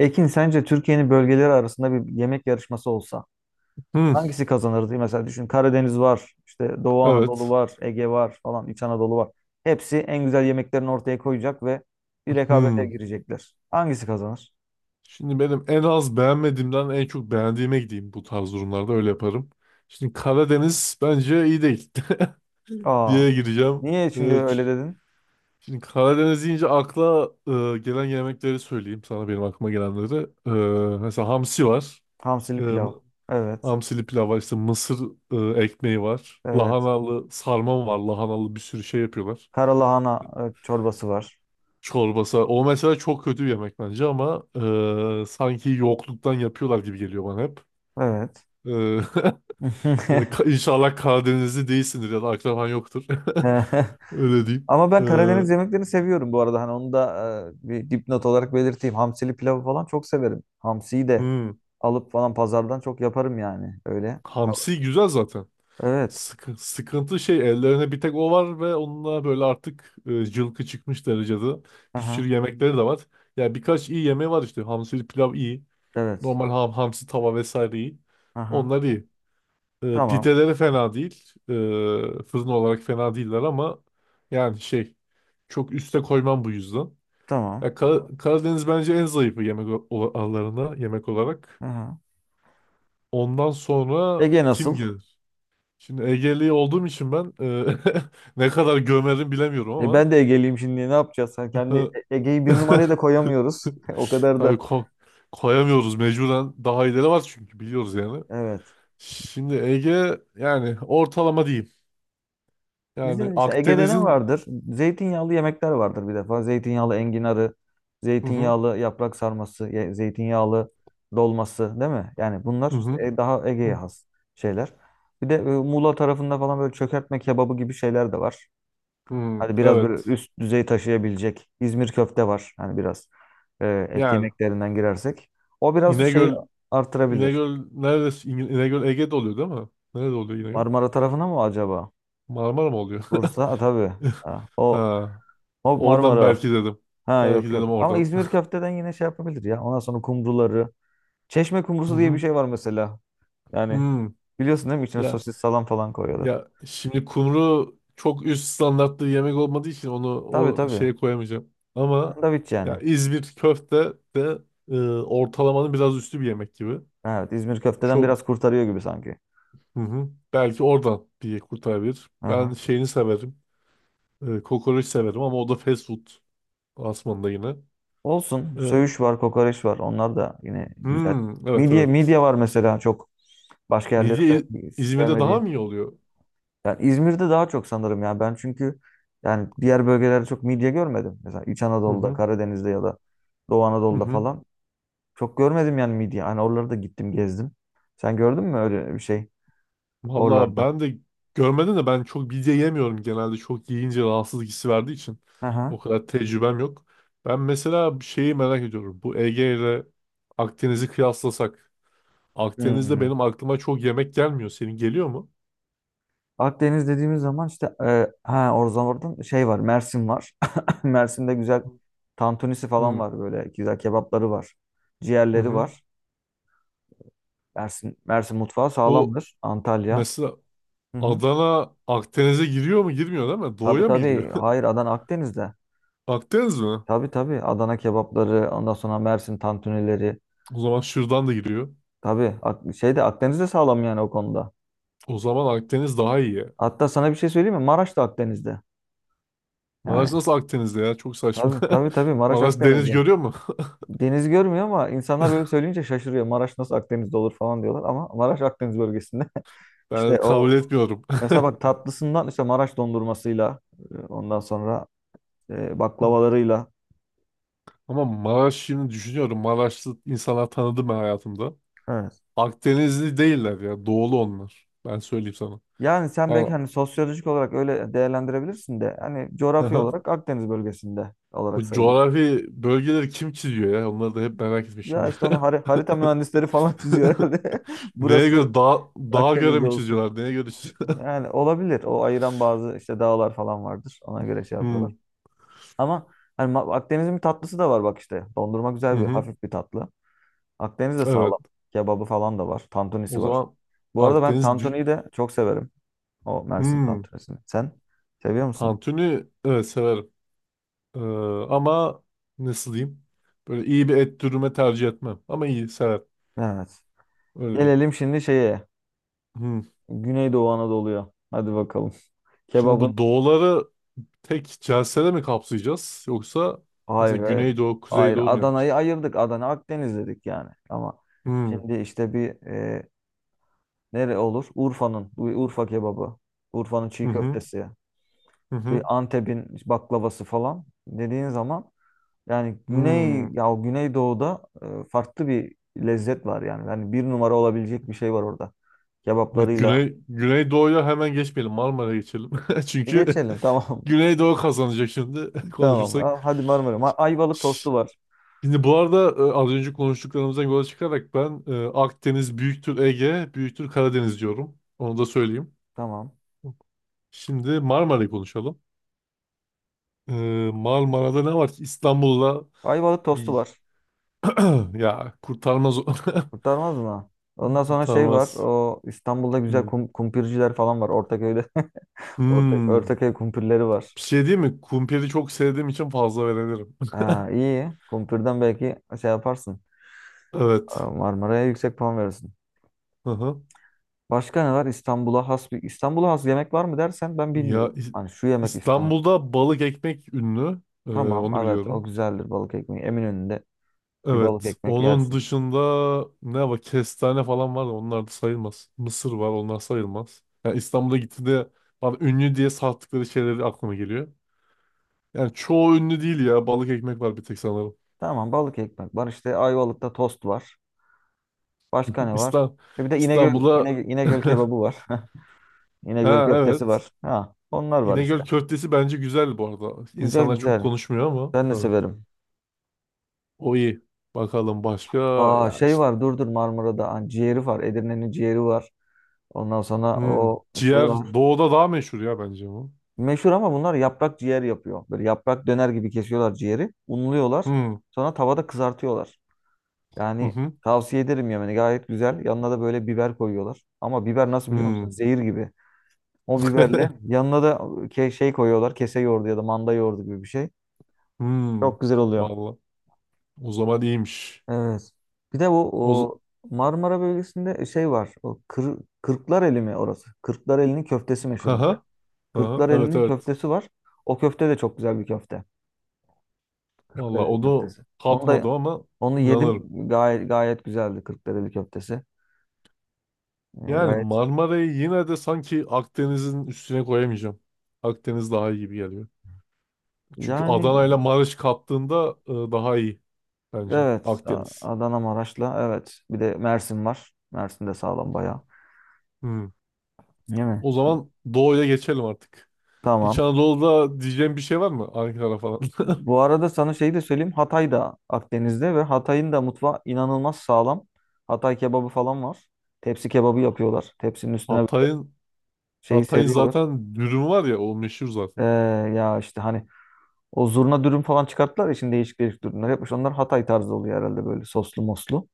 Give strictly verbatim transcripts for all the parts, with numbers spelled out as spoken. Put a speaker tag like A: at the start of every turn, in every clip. A: Ekin sence Türkiye'nin bölgeleri arasında bir yemek yarışması olsa
B: Hmm,
A: hangisi kazanırdı? Mesela düşün Karadeniz var, işte Doğu Anadolu
B: evet.
A: var, Ege var falan, İç Anadolu var. Hepsi en güzel yemeklerini ortaya koyacak ve bir rekabete
B: Hmm.
A: girecekler. Hangisi kazanır?
B: Şimdi benim en az beğenmediğimden en çok beğendiğime gideyim, bu tarz durumlarda öyle yaparım. Şimdi Karadeniz bence iyi değil
A: Aa,
B: diye gireceğim.
A: niye
B: Ee,
A: şimdi öyle
B: ç-
A: dedin?
B: şimdi Karadeniz deyince akla e, gelen yemekleri söyleyeyim sana benim aklıma gelenleri. Ee, mesela hamsi var. Ee,
A: Hamsili pilav. Evet.
B: hamsili pilav var. İşte mısır e, ekmeği var.
A: Evet.
B: Lahanalı sarma var. Lahanalı bir sürü şey yapıyorlar.
A: Karalahana e, çorbası var.
B: Çorbası. O mesela çok kötü bir yemek bence ama e, sanki yokluktan yapıyorlar gibi geliyor bana hep.
A: Evet.
B: E, böyle ka- inşallah Karadenizli değilsindir ya da akraban yoktur. Öyle diyeyim.
A: Ama
B: E,
A: ben Karadeniz yemeklerini seviyorum bu arada. Hani onu da e, bir dipnot olarak belirteyim. Hamsili pilavı falan çok severim. Hamsiyi de
B: hmm.
A: alıp falan pazardan çok yaparım yani öyle. Tamam.
B: Hamsi güzel zaten.
A: Evet.
B: Sıkı- sıkıntı şey, ellerine bir tek o var ve onunla böyle artık e, cılkı çıkmış derecede. Bir
A: Aha.
B: sürü yemekleri de var. yani birkaç iyi yemeği var işte. Hamsili pilav iyi.
A: Evet.
B: Normal ham, hamsi tava vesaire iyi.
A: Aha.
B: Onlar iyi. E,
A: Tamam.
B: pideleri fena değil. E, fırın olarak fena değiller ama yani şey, çok üste koymam bu yüzden.
A: Tamam.
B: Ya, Kar- Karadeniz bence en zayıfı yemek aralarında, yemek olarak.
A: Aha.
B: Ondan sonra
A: Ege
B: kim
A: nasıl?
B: gelir? Şimdi Egeli olduğum için ben e, ne kadar gömerim bilemiyorum
A: E
B: ama
A: ben de Ege'liyim şimdi. Ne yapacağız? Hani kendi E- Ege'yi bir numaraya da koyamıyoruz. O kadar
B: tabii
A: da.
B: ko- koyamıyoruz, mecburen daha iyileri var çünkü biliyoruz yani.
A: Evet.
B: Şimdi Ege yani ortalama diyeyim. Yani
A: Bizde işte Ege'de ne
B: Akdeniz'in
A: vardır? Zeytinyağlı yemekler vardır bir defa. Zeytinyağlı enginarı,
B: Hı hı.
A: zeytinyağlı yaprak sarması, ye- zeytinyağlı dolması değil mi? Yani bunlar
B: Hı
A: işte
B: hı.
A: e, daha Ege'ye
B: Hı.
A: has şeyler. Bir de e, Muğla tarafında falan böyle çökertme kebabı gibi şeyler de var.
B: Hı.
A: Hadi biraz böyle
B: Evet.
A: üst düzey taşıyabilecek. İzmir köfte var. Hani biraz e, et
B: Yani
A: yemeklerinden girersek. O biraz şeyi
B: İnegöl
A: artırabilir.
B: İnegöl neresi? İng- İnegöl Ege'de oluyor değil mi? Nerede oluyor İnegöl?
A: Marmara tarafına mı acaba?
B: Marmara mı oluyor?
A: Bursa. Ha, tabii. Ha, o,
B: Ha.
A: o
B: Oradan
A: Marmara.
B: belki dedim.
A: Ha
B: Belki
A: yok yok.
B: dedim
A: Ama
B: oradan.
A: İzmir köfteden yine şey yapabilir ya. Ondan sonra kumruları. Çeşme
B: Hı
A: kumrusu diye bir
B: hı.
A: şey var mesela. Yani
B: Hı.
A: biliyorsun değil mi? İçine
B: Ya
A: sosis salam falan koyuyorlar.
B: ya şimdi kumru çok üst standartlı yemek olmadığı için onu
A: Tabii
B: o
A: tabii.
B: şeye koyamayacağım. Ama
A: Sandviç
B: ya
A: yani.
B: İzmir köfte de e, ortalamanın biraz üstü bir yemek gibi.
A: Evet İzmir köfteden
B: Çok
A: biraz kurtarıyor gibi sanki.
B: hı hı. Belki oradan diye kurtarabilir. Ben
A: Aha.
B: şeyini severim. E, kokoreç severim ama o da fast food. Asman'da yine.
A: Olsun.
B: E,
A: Söğüş var, kokoreç var. Onlar da yine güzel.
B: hmm, evet
A: Midye,
B: evet.
A: midye var mesela çok. Başka yerlerin
B: Midye İ-
A: belki
B: İzmir'de daha
A: sevmediği.
B: mı iyi oluyor?
A: Yani İzmir'de daha çok sanırım ya. Ben çünkü yani diğer bölgelerde çok midye görmedim. Mesela İç
B: Hı
A: Anadolu'da,
B: hı.
A: Karadeniz'de ya da Doğu
B: Hı
A: Anadolu'da
B: hı.
A: falan. Çok görmedim yani midye. Hani oraları da gittim gezdim. Sen gördün mü öyle bir şey
B: Valla
A: oralarda?
B: ben de görmedim de ben çok midye yemiyorum genelde. Çok yiyince rahatsızlık hissi verdiği için. O
A: Aha.
B: kadar tecrübem yok. Ben mesela bir şeyi merak ediyorum. Bu Ege ile Akdeniz'i kıyaslasak. Akdeniz'de
A: Hmm.
B: benim aklıma çok yemek gelmiyor. Senin geliyor mu?
A: Akdeniz dediğimiz zaman işte e, ha oradan oradan şey var Mersin var. Mersin'de güzel tantunisi falan
B: Hı
A: var böyle güzel kebapları var.
B: hı.
A: Ciğerleri
B: hı.
A: var. Mersin, Mersin mutfağı
B: Bu
A: sağlamdır. Antalya.
B: mesela
A: Hı hı.
B: Adana Akdeniz'e giriyor mu? Girmiyor değil mi?
A: Tabii
B: Doğuya mı giriyor?
A: tabii. Hayır Adana Akdeniz'de.
B: Akdeniz mi?
A: Tabii tabii. Adana kebapları ondan sonra Mersin tantunileri.
B: O zaman şuradan da giriyor.
A: Tabii Ak- şeyde Akdeniz'de sağlam yani o konuda.
B: O zaman Akdeniz daha iyi ya.
A: Hatta sana bir şey söyleyeyim mi? Maraş da Akdeniz'de.
B: Maraş
A: Yani
B: nasıl Akdeniz'de ya? Çok saçma.
A: tabii tabii tabii Maraş
B: Maraş deniz
A: Akdeniz'de.
B: görüyor mu?
A: Deniz görmüyor ama insanlar böyle söyleyince şaşırıyor. Maraş nasıl Akdeniz'de olur falan diyorlar ama Maraş Akdeniz bölgesinde.
B: Ben
A: İşte
B: kabul
A: o
B: etmiyorum.
A: mesela bak tatlısından işte Maraş dondurmasıyla e, ondan sonra e, baklavalarıyla.
B: Ama Maraş, şimdi düşünüyorum, Maraşlı insanlar tanıdım ben hayatımda.
A: Evet.
B: Akdenizli değiller ya. Doğulu onlar. Ben söyleyeyim sana.
A: Yani sen
B: Yani
A: belki hani sosyolojik olarak öyle değerlendirebilirsin de hani coğrafi
B: aha.
A: olarak Akdeniz bölgesinde olarak
B: bu
A: sayılıyor.
B: coğrafi bölgeleri kim çiziyor ya? Onları da hep merak etmişim.
A: Ya işte onu hari- harita mühendisleri falan çiziyor herhalde.
B: Neye göre
A: Burası
B: dağ, dağa göre
A: Akdeniz'de
B: mi
A: olsun.
B: çiziyorlar? Neye göre.
A: Yani olabilir. O ayıran bazı işte dağlar falan vardır. Ona göre şey yapıyorlar.
B: Hmm,
A: Ama hani Ma- Akdeniz'in bir tatlısı da var bak işte. Dondurma
B: Hı
A: güzel bir
B: hı.
A: hafif bir tatlı. Akdeniz de sağlam.
B: Evet.
A: Kebabı falan da var.
B: O
A: Tantunisi var.
B: zaman
A: Bu arada ben
B: Akdeniz dü-
A: tantuniyi de çok severim. O Mersin
B: hmm,
A: tantunisini. Sen seviyor musun?
B: tantuni evet severim. Ee, ama nasıl diyeyim? Böyle iyi bir et dürüme tercih etmem. Ama iyi severim.
A: Evet.
B: Öyle diyeyim.
A: Gelelim şimdi şeye.
B: Hmm.
A: Güneydoğu Anadolu'ya. Hadi bakalım.
B: Şimdi
A: Kebabın
B: bu doğuları tek celsede mi kapsayacağız? Yoksa mesela
A: hayır hayır.
B: Güneydoğu,
A: Hayır
B: Kuzeydoğu mu yapacağız?
A: Adana'yı ayırdık. Adana Akdeniz dedik yani. Ama
B: Hmm,
A: şimdi işte bir. Nere olur? Urfa'nın. Urfa kebabı. Urfa'nın çiğ
B: Hı hı.
A: köftesi.
B: Hı
A: Bir
B: hı.
A: Antep'in baklavası falan dediğin zaman yani Güney
B: Hmm.
A: ya Güneydoğu'da e, farklı bir lezzet var yani. Yani bir numara olabilecek bir şey var orada.
B: Evet,
A: Kebaplarıyla.
B: Güney, Güneydoğu'ya hemen geçmeyelim. Marmara'ya geçelim.
A: E,
B: Çünkü
A: geçelim tamam.
B: Güneydoğu kazanacak şimdi
A: Tamam. Ha,
B: konuşursak.
A: Hadi Marmara. Ma- Ayvalık tostu var.
B: Şimdi bu arada e, az önce konuştuklarımızdan yola çıkarak ben e, Akdeniz büyüktür Ege, büyüktür Karadeniz diyorum. Onu da söyleyeyim.
A: Tamam.
B: Şimdi Marmara'yı konuşalım. E, Marmara'da ne var ki, İstanbul'la
A: Ayvalık tostu var.
B: bir ya kurtarmaz o.
A: Kurtarmaz mı? Ondan sonra şey var.
B: kurtarmaz.
A: O İstanbul'da güzel
B: Hmm.
A: kum, kumpirciler falan var. Ortaköy'de. Ortak,
B: Hmm.
A: Ortaköy kumpirleri var.
B: Bir şey değil mi? Kumpiri çok sevdiğim için fazla verebilirim.
A: Ha, iyi. Kumpir'den belki şey yaparsın. Ee,
B: Evet.
A: Marmara'ya yüksek puan verirsin.
B: Hı hı.
A: Başka ne var? İstanbul'a has bir İstanbul'a has yemek var mı dersen ben
B: Ya
A: bilmiyorum.
B: İ-
A: Hani şu yemek İstanbul.
B: İstanbul'da balık ekmek ünlü. E,
A: Tamam
B: onu
A: evet o
B: biliyorum.
A: güzeldir balık ekmeği. Eminönü'nde bir balık
B: Evet.
A: ekmek
B: Onun
A: yersin.
B: dışında ne var? Kestane falan var da onlar da sayılmaz. Mısır var, onlar sayılmaz. Yani İstanbul'a gitti de bana ünlü diye sattıkları şeyleri aklıma geliyor. Yani çoğu ünlü değil ya. Balık ekmek var bir tek sanırım.
A: Tamam balık ekmek var. İşte Ayvalık'ta tost var. Başka ne var?
B: İstan
A: E Bir de İnegöl,
B: İstanbul'a.
A: İnegöl, İnegöl kebabı var. İnegöl
B: Ha,
A: köftesi
B: evet.
A: var. Ha, onlar var işte.
B: İnegöl köftesi bence güzel bu arada.
A: Güzel
B: İnsanlar çok
A: güzel.
B: konuşmuyor ama
A: Ben de
B: evet.
A: severim.
B: O iyi. Bakalım başka,
A: Aa
B: ya
A: şey
B: işte.
A: var dur dur Marmara'da. Hani ciğeri var. Edirne'nin ciğeri var. Ondan sonra
B: Hmm.
A: o şey
B: Ciğer
A: var.
B: doğuda daha meşhur ya bence bu.
A: Meşhur ama bunlar yaprak ciğer yapıyor. Böyle yaprak döner gibi kesiyorlar ciğeri. Unluyorlar.
B: Hmm.
A: Sonra tavada kızartıyorlar.
B: Hı
A: Yani
B: hı.
A: tavsiye ederim yemeni. Gayet güzel. Yanına da böyle biber koyuyorlar. Ama biber nasıl biliyor
B: Hmm.
A: musun? Zehir gibi. O biberle yanına da ke- şey koyuyorlar. Kese yoğurdu ya da manda yoğurdu gibi bir şey.
B: Hmm,
A: Çok güzel oluyor.
B: vallahi O zaman iyiymiş.
A: Evet. Bir de bu
B: O z-
A: o Marmara bölgesinde şey var. O kır, Kırklareli mi orası? Kırklareli'nin köftesi meşhur.
B: Haha, haha, evet
A: Kırklareli'nin
B: evet.
A: köftesi var. O köfte de çok güzel bir köfte.
B: vallahi
A: Kırklareli
B: onu
A: köftesi. Onu da
B: katmadım ama
A: onu yedim.
B: inanırım.
A: Gayet gayet güzeldi Kırklareli köftesi. Ee,
B: Yani
A: gayet
B: Marmara'yı yine de sanki Akdeniz'in üstüne koyamayacağım. Akdeniz daha iyi gibi geliyor. Çünkü
A: yani
B: Adana ile Maraş kattığında e, daha iyi bence
A: evet A-
B: Akdeniz.
A: Adana Maraş'la evet. Bir de Mersin var. Mersin de sağlam bayağı.
B: Hmm.
A: Değil mi?
B: O zaman Doğu'ya geçelim artık. İç
A: Tamam.
B: Anadolu'da diyeceğim bir şey var mı? Ankara falan.
A: Bu arada sana şeyi de söyleyeyim. Hatay da Akdeniz'de ve Hatay'ın da mutfağı inanılmaz sağlam. Hatay kebabı falan var. Tepsi kebabı yapıyorlar. Tepsinin üstüne böyle
B: Hatay'ın
A: şeyi
B: Hatay'ın
A: seriyorlar.
B: zaten dürüm var ya, o meşhur
A: Ee,
B: zaten.
A: ya işte hani O zurna dürüm falan çıkarttılar ya şimdi değişik değişik dürümler yapmış. Onlar Hatay tarzı oluyor herhalde böyle soslu moslu.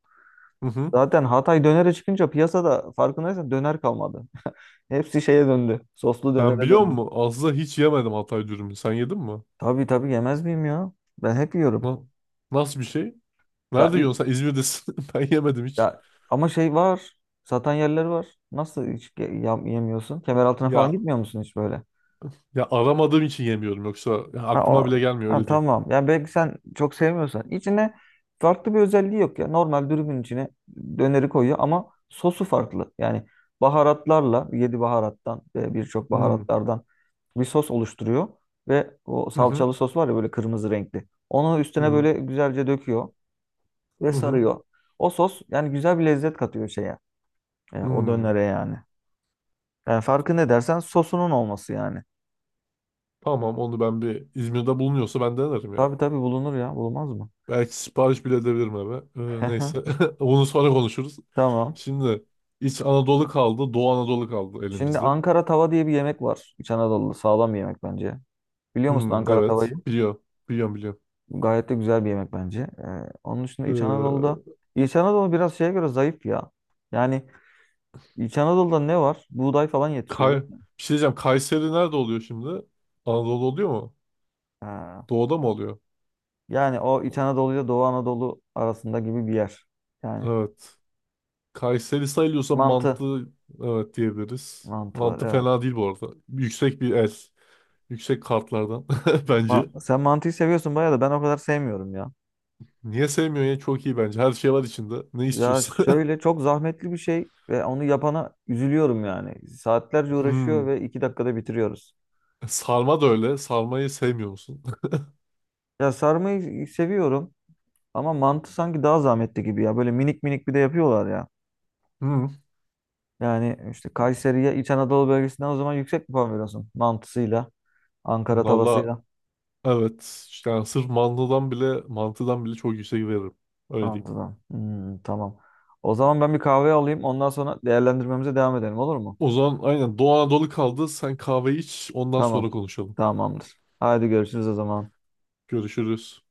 B: Hı hı.
A: Zaten Hatay dönere çıkınca piyasada farkındaysan döner kalmadı. Hepsi şeye döndü. Soslu
B: Ben,
A: dönere
B: biliyor
A: döndü.
B: musun, aslında hiç yemedim Hatay dürümü. Sen yedin mi?
A: Tabii tabii yemez miyim ya? Ben hep yiyorum.
B: Na- nasıl bir şey?
A: Ya,
B: Nerede
A: i-
B: yiyorsun? Sen İzmir'desin. Ben yemedim hiç.
A: ya ama şey var. Satan yerleri var. Nasıl hiç ge- yam- yemiyorsun? Kemeraltına falan
B: Ya
A: gitmiyor musun hiç böyle?
B: ya aramadığım için yemiyorum. Yoksa ya
A: Ha,
B: aklıma
A: o,
B: bile gelmiyor,
A: ha,
B: öyle diyeyim.
A: tamam. Ya belki sen çok sevmiyorsan. İçine farklı bir özelliği yok ya. Normal dürümün içine döneri koyuyor ama sosu farklı. Yani baharatlarla, yedi baharattan ve birçok
B: Hmm.
A: baharatlardan bir sos oluşturuyor. Ve o
B: Hı hı.
A: salçalı sos var ya böyle kırmızı renkli. Onu
B: Hı
A: üstüne
B: hı.
A: böyle güzelce döküyor ve
B: Hı hı.
A: sarıyor. O sos yani güzel bir lezzet katıyor şeye. E, o
B: Hmm.
A: dönere yani. Yani farkı ne
B: O-
A: dersen sosunun olması yani.
B: Tamam, onu ben, bir İzmir'de bulunuyorsa ben denerim ya.
A: Tabii tabii bulunur ya. Bulunmaz mı?
B: Belki sipariş bile edebilirim eve. Ee, neyse. Bunu sonra konuşuruz.
A: Tamam.
B: Şimdi İç Anadolu kaldı. Doğu Anadolu kaldı
A: Şimdi
B: elimizde.
A: Ankara tava diye bir yemek var. İç Anadolu'da sağlam bir yemek bence. Biliyor musun
B: Hmm,
A: Ankara tavayı?
B: evet. Biliyor. Biliyorum, biliyorum.
A: Gayet de güzel bir yemek bence. Ee, onun dışında İç Anadolu'da
B: Ee,
A: İç Anadolu biraz şeye göre zayıf ya. Yani İç Anadolu'da ne var? Buğday falan yetişiyor
B: Kay
A: değil mi?
B: bir şey diyeceğim. Kayseri nerede oluyor şimdi? Anadolu oluyor mu?
A: Ha.
B: Doğuda mı oluyor?
A: Yani o İç Anadolu ile Doğu Anadolu arasında gibi bir yer. Yani
B: Evet. Kayseri sayılıyorsa mantı,
A: mantı.
B: evet diyebiliriz.
A: Mantı var
B: Mantı
A: evet.
B: fena değil bu arada. Yüksek bir el. Yüksek kartlardan
A: Ma-
B: bence.
A: sen mantıyı seviyorsun bayağı da ben o kadar sevmiyorum ya.
B: Niye sevmiyorsun ya? Çok iyi bence. Her şey var içinde. Ne
A: Ya
B: istiyorsun?
A: şöyle çok zahmetli bir şey ve onu yapana üzülüyorum yani. Saatlerce uğraşıyor
B: Hmm.
A: ve iki dakikada bitiriyoruz.
B: Sarma da öyle. Sarmayı sevmiyor musun?
A: Ya sarmayı seviyorum ama mantı sanki daha zahmetli gibi ya. Böyle minik minik bir de yapıyorlar ya.
B: Hmm.
A: Yani işte Kayseri'ye İç Anadolu bölgesinden o zaman yüksek bir puan veriyorsun. Mantısıyla, Ankara
B: Valla
A: tavasıyla.
B: evet. İşte Yani sırf mantıdan bile mantıdan bile çok yüksek veririm. Öyle diyeyim.
A: Mantıdan. Hmm, tamam. O zaman ben bir kahve alayım. Ondan sonra değerlendirmemize devam edelim olur mu?
B: O zaman aynen Doğu Anadolu kaldı. Sen kahve iç, ondan sonra
A: Tamam.
B: konuşalım.
A: Tamamdır. Haydi görüşürüz o zaman.
B: Görüşürüz.